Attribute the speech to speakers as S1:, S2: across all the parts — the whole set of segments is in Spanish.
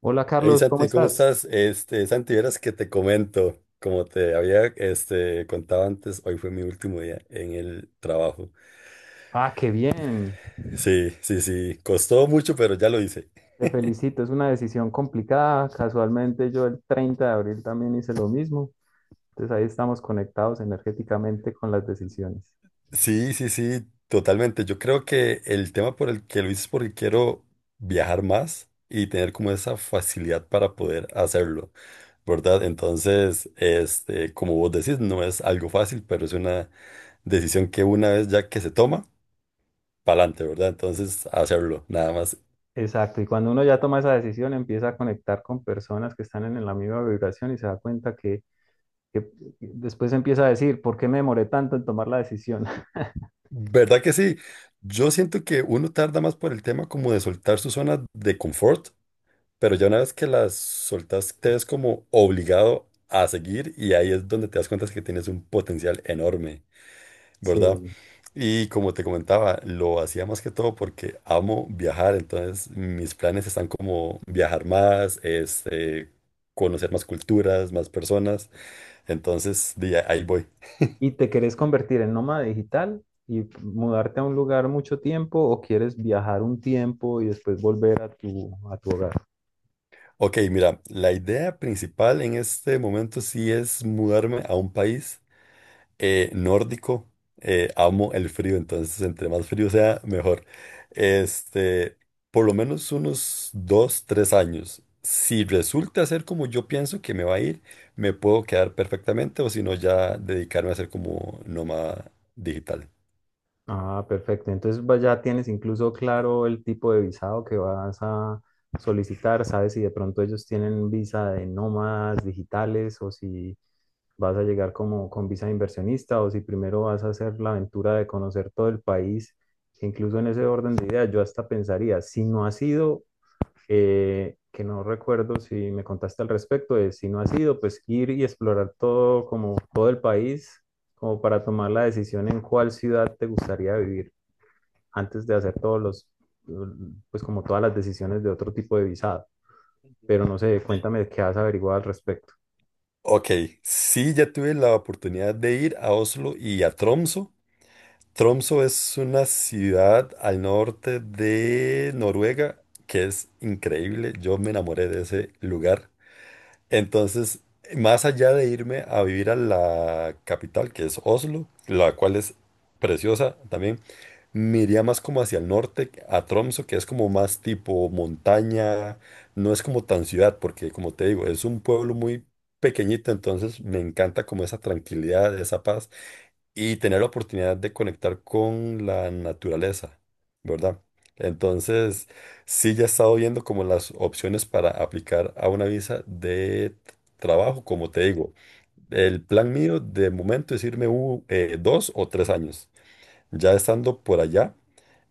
S1: Hola
S2: Hey
S1: Carlos, ¿cómo
S2: Santi, ¿cómo
S1: estás?
S2: estás? Santi, verás que te comento, como te había contado antes, hoy fue mi último día en el trabajo.
S1: Ah, qué bien.
S2: Sí, sí, sí, costó mucho, pero ya lo hice.
S1: Te felicito, es una decisión complicada. Casualmente yo el 30 de abril también hice lo mismo. Entonces ahí estamos conectados energéticamente con las decisiones.
S2: Sí, sí, sí, totalmente. Yo creo que el tema por el que lo hice es porque quiero viajar más y tener como esa facilidad para poder hacerlo, ¿verdad? Entonces, como vos decís, no es algo fácil, pero es una decisión que una vez ya que se toma para adelante, ¿verdad? Entonces, hacerlo, nada más.
S1: Exacto, y cuando uno ya toma esa decisión empieza a conectar con personas que están en la misma vibración y se da cuenta que después empieza a decir, ¿por qué me demoré tanto en tomar la decisión?
S2: ¿Verdad que sí? Yo siento que uno tarda más por el tema como de soltar su zona de confort, pero ya una vez que las soltas, te ves como obligado a seguir y ahí es donde te das cuenta que tienes un potencial enorme, ¿verdad?
S1: Sí.
S2: Y como te comentaba, lo hacía más que todo porque amo viajar, entonces mis planes están como viajar más, conocer más culturas, más personas, entonces de ahí voy.
S1: ¿Y te querés convertir en nómada digital y mudarte a un lugar mucho tiempo o quieres viajar un tiempo y después volver a tu, hogar?
S2: Ok, mira, la idea principal en este momento sí es mudarme a un país nórdico. Amo el frío, entonces entre más frío sea, mejor. Este, por lo menos unos 2, 3 años. Si resulta ser como yo pienso que me va a ir, me puedo quedar perfectamente o si no ya dedicarme a ser como nómada digital.
S1: Ah, perfecto. Entonces ya tienes incluso claro el tipo de visado que vas a solicitar, sabes si de pronto ellos tienen visa de nómadas digitales o si vas a llegar como con visa de inversionista o si primero vas a hacer la aventura de conocer todo el país. Incluso en ese orden de ideas, yo hasta pensaría, si no has ido, que no recuerdo si me contaste al respecto, de si no ha sido, pues ir y explorar todo, como todo el país, como para tomar la decisión en cuál ciudad te gustaría vivir, antes de hacer todos los, pues como todas las decisiones de otro tipo de visado.
S2: Ujú.
S1: Pero no sé,
S2: Sí.
S1: cuéntame qué has averiguado al respecto.
S2: Ok, sí, ya tuve la oportunidad de ir a Oslo y a Tromso. Tromso es una ciudad al norte de Noruega que es increíble. Yo me enamoré de ese lugar. Entonces, más allá de irme a vivir a la capital, que es Oslo, la cual es preciosa también, me iría más como hacia el norte, a Tromso, que es como más tipo montaña. No es como tan ciudad, porque como te digo, es un pueblo muy pequeñito. Entonces, me encanta como esa tranquilidad, esa paz y tener la oportunidad de conectar con la naturaleza, ¿verdad? Entonces, sí, ya he estado viendo como las opciones para aplicar a una visa de trabajo, como te digo. El plan mío de momento es irme 2 o 3 años. Ya estando por allá,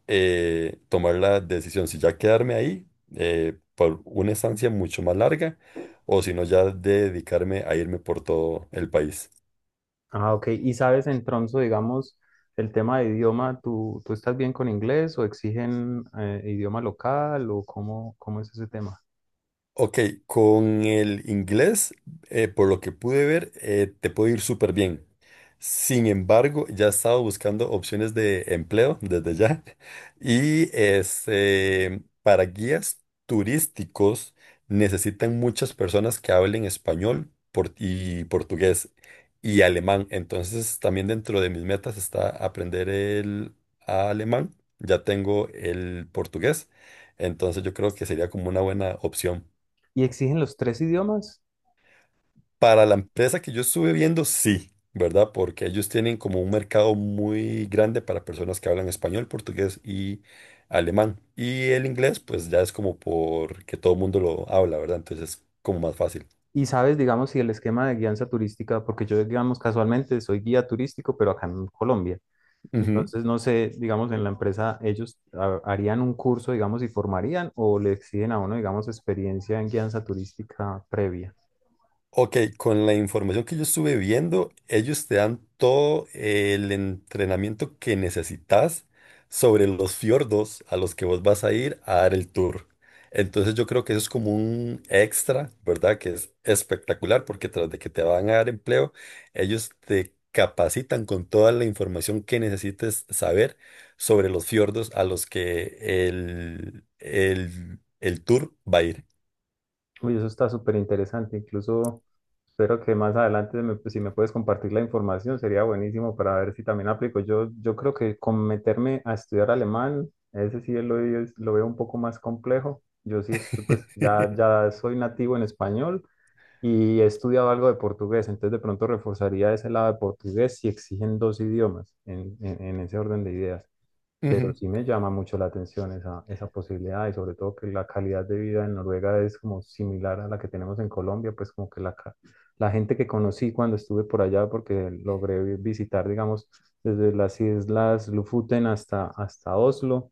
S2: tomar la decisión si ya quedarme ahí por una estancia mucho más larga o si no ya dedicarme a irme por todo el país.
S1: Ah, ok. ¿Y sabes en Tronzo, digamos, el tema de idioma, ¿tú estás bien con inglés o exigen idioma local o cómo es ese tema?
S2: Ok, con el inglés, por lo que pude ver, te puede ir súper bien. Sin embargo, ya he estado buscando opciones de empleo desde ya. Y para guías turísticos necesitan muchas personas que hablen español y portugués y alemán. Entonces, también dentro de mis metas está aprender el alemán. Ya tengo el portugués. Entonces, yo creo que sería como una buena opción.
S1: ¿Y exigen los tres idiomas?
S2: Para la empresa que yo estuve viendo, sí, ¿verdad? Porque ellos tienen como un mercado muy grande para personas que hablan español, portugués y alemán. Y el inglés, pues ya es como porque todo el mundo lo habla, ¿verdad? Entonces es como más fácil.
S1: Y sabes, digamos, si el esquema de guianza turística, porque yo, digamos, casualmente soy guía turístico, pero acá en Colombia. Entonces, no sé, digamos, en la empresa ellos harían un curso, digamos, y formarían o le exigen a uno, digamos, experiencia en guianza turística previa.
S2: Ok, con la información que yo estuve viendo, ellos te dan todo el entrenamiento que necesitas sobre los fiordos a los que vos vas a ir a dar el tour. Entonces yo creo que eso es como un extra, ¿verdad? Que es espectacular porque tras de que te van a dar empleo, ellos te capacitan con toda la información que necesites saber sobre los fiordos a los que el tour va a ir.
S1: Uy, eso está súper interesante. Incluso espero que más adelante, pues, si me puedes compartir la información, sería buenísimo para ver si también aplico. Yo creo que con meterme a estudiar alemán, ese sí lo veo un poco más complejo. Yo sí, pues ya, ya soy nativo en español y he estudiado algo de portugués, entonces de pronto reforzaría ese lado de portugués si exigen dos idiomas en ese orden de ideas. Pero
S2: Ujú.
S1: sí me llama mucho la atención esa posibilidad y sobre todo que la calidad de vida en Noruega es como similar a la que tenemos en Colombia, pues como que la gente que conocí cuando estuve por allá, porque logré visitar, digamos, desde las islas Lofoten hasta Oslo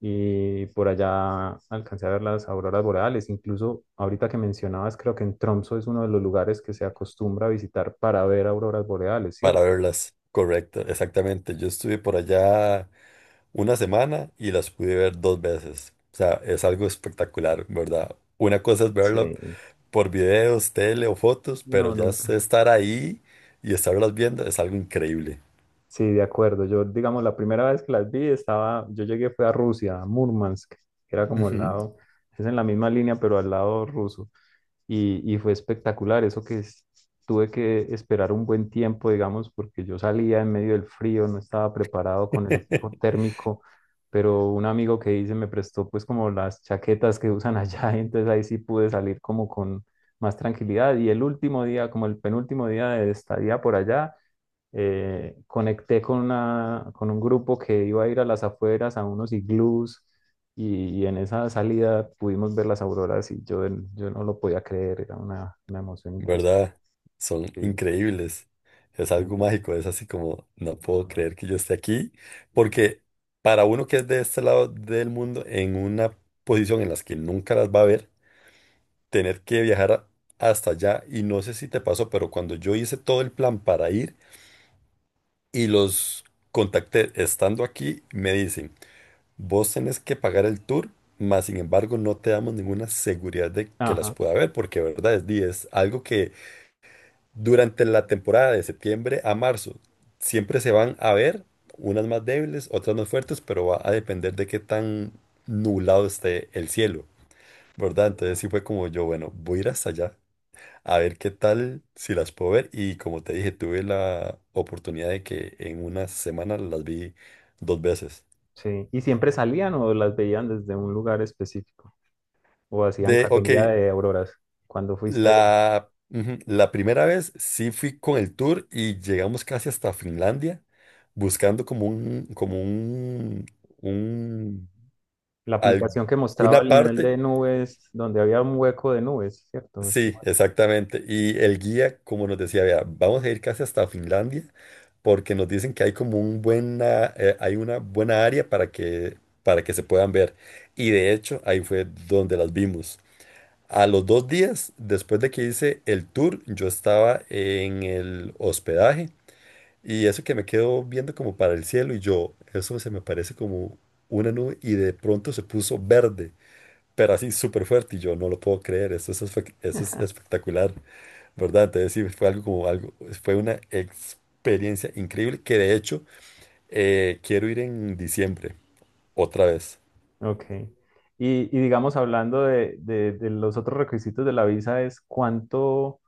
S1: y por allá alcancé a ver las auroras boreales. Incluso ahorita que mencionabas, creo que en Tromso es uno de los lugares que se acostumbra a visitar para ver auroras boreales,
S2: Para
S1: ¿cierto?
S2: verlas, correcto, exactamente. Yo estuve por allá una semana y las pude ver dos veces. O sea, es algo espectacular, ¿verdad? Una cosa es verla
S1: Sí.
S2: por videos, tele o fotos, pero
S1: No,
S2: ya sé
S1: nunca.
S2: estar ahí y estarlas viendo es algo increíble.
S1: Sí, de acuerdo. Yo, digamos, la primera vez que las vi estaba, yo llegué fue a Rusia, a Murmansk, que era como al
S2: Ujú.
S1: lado, es en la misma línea, pero al lado ruso. Y fue espectacular, eso que tuve que esperar un buen tiempo, digamos, porque yo salía en medio del frío, no estaba preparado con el equipo térmico, pero un amigo que hice me prestó pues como las chaquetas que usan allá, y entonces ahí sí pude salir como con más tranquilidad. Y el último día, como el penúltimo día de estadía por allá, conecté con un grupo que iba a ir a las afueras, a unos iglús, y en esa salida pudimos ver las auroras y yo no lo podía creer, era una emoción impresionante.
S2: ¿Verdad? Son increíbles. Es algo mágico, es así como, no puedo creer que yo esté aquí, porque para uno que es de este lado del mundo, en una posición en las que nunca las va a ver, tener que viajar hasta allá y no sé si te pasó, pero cuando yo hice todo el plan para ir y los contacté estando aquí, me dicen, vos tenés que pagar el tour, mas sin embargo no te damos ninguna seguridad de que las
S1: Ajá,
S2: pueda ver, porque verdad es, di, es algo que durante la temporada de septiembre a marzo siempre se van a ver, unas más débiles, otras más fuertes, pero va a depender de qué tan nublado esté el cielo, ¿verdad? Entonces sí fue como yo, bueno, voy a ir hasta allá a ver qué tal si las puedo ver. Y como te dije, tuve la oportunidad de que en una semana las vi dos veces.
S1: sí. ¿Y siempre salían o las veían desde un lugar específico? ¿O hacían
S2: Ok,
S1: cacería de auroras cuando fuiste allá?
S2: la primera vez sí fui con el tour y llegamos casi hasta Finlandia, buscando un,
S1: La aplicación que mostraba
S2: alguna
S1: el nivel
S2: parte.
S1: de nubes, donde había un hueco de nubes, ¿cierto?
S2: Sí, exactamente. Y el guía, como nos decía, vea, vamos a ir casi hasta Finlandia, porque nos dicen que hay una buena área para que se puedan ver. Y de hecho, ahí fue donde las vimos. A los 2 días, después de que hice el tour, yo estaba en el hospedaje y eso que me quedo viendo como para el cielo y yo, eso se me parece como una nube y de pronto se puso verde pero así súper fuerte y yo no lo puedo creer, eso es espectacular, ¿verdad? Entonces sí, fue algo como algo, fue una experiencia increíble que de hecho quiero ir en diciembre, otra vez.
S1: Ok. Y digamos, hablando de los otros requisitos de la visa, es cuánto,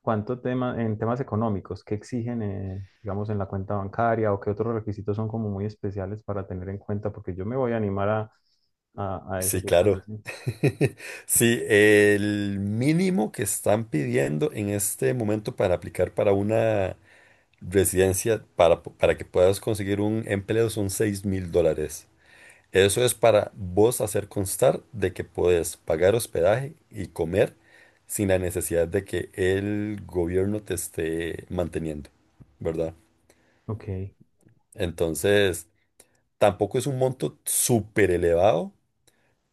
S1: cuánto tema, en temas económicos, qué exigen, digamos, en la cuenta bancaria o qué otros requisitos son como muy especiales para tener en cuenta, porque yo me voy a animar a, eso
S2: Sí,
S1: que estás
S2: claro.
S1: haciendo.
S2: Sí, el mínimo que están pidiendo en este momento para aplicar para una residencia, para que puedas conseguir un empleo son 6.000 dólares. Eso es para vos hacer constar de que podés pagar hospedaje y comer sin la necesidad de que el gobierno te esté manteniendo, ¿verdad?
S1: Ok.
S2: Entonces, tampoco es un monto súper elevado,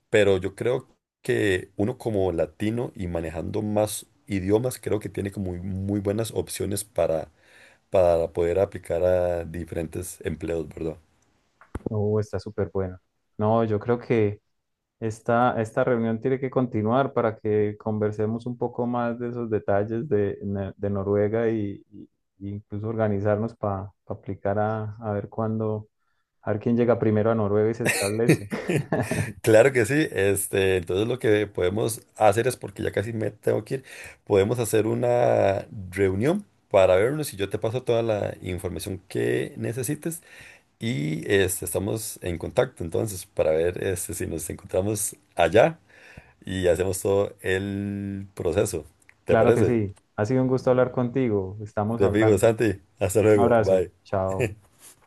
S2: pero yo creo que uno como latino y manejando más idiomas, creo que tiene como muy, muy buenas opciones para poder aplicar a diferentes empleos, ¿verdad?
S1: Oh, está súper bueno. No, yo creo que. Esta reunión tiene que continuar para que conversemos un poco más de esos detalles de Noruega y incluso organizarnos para aplicar a ver cuándo, a, ver quién llega primero a Noruega y se establece.
S2: Claro que sí. Entonces lo que podemos hacer es, porque ya casi me tengo que ir, podemos hacer una reunión para vernos y yo te paso toda la información que necesites y estamos en contacto entonces para ver si nos encontramos allá y hacemos todo el proceso. ¿Te
S1: Claro que
S2: parece?
S1: sí. Ha sido un gusto hablar contigo. Estamos
S2: Te fijo,
S1: hablando.
S2: Santi. Hasta
S1: Un
S2: luego.
S1: abrazo.
S2: Bye.
S1: Chao.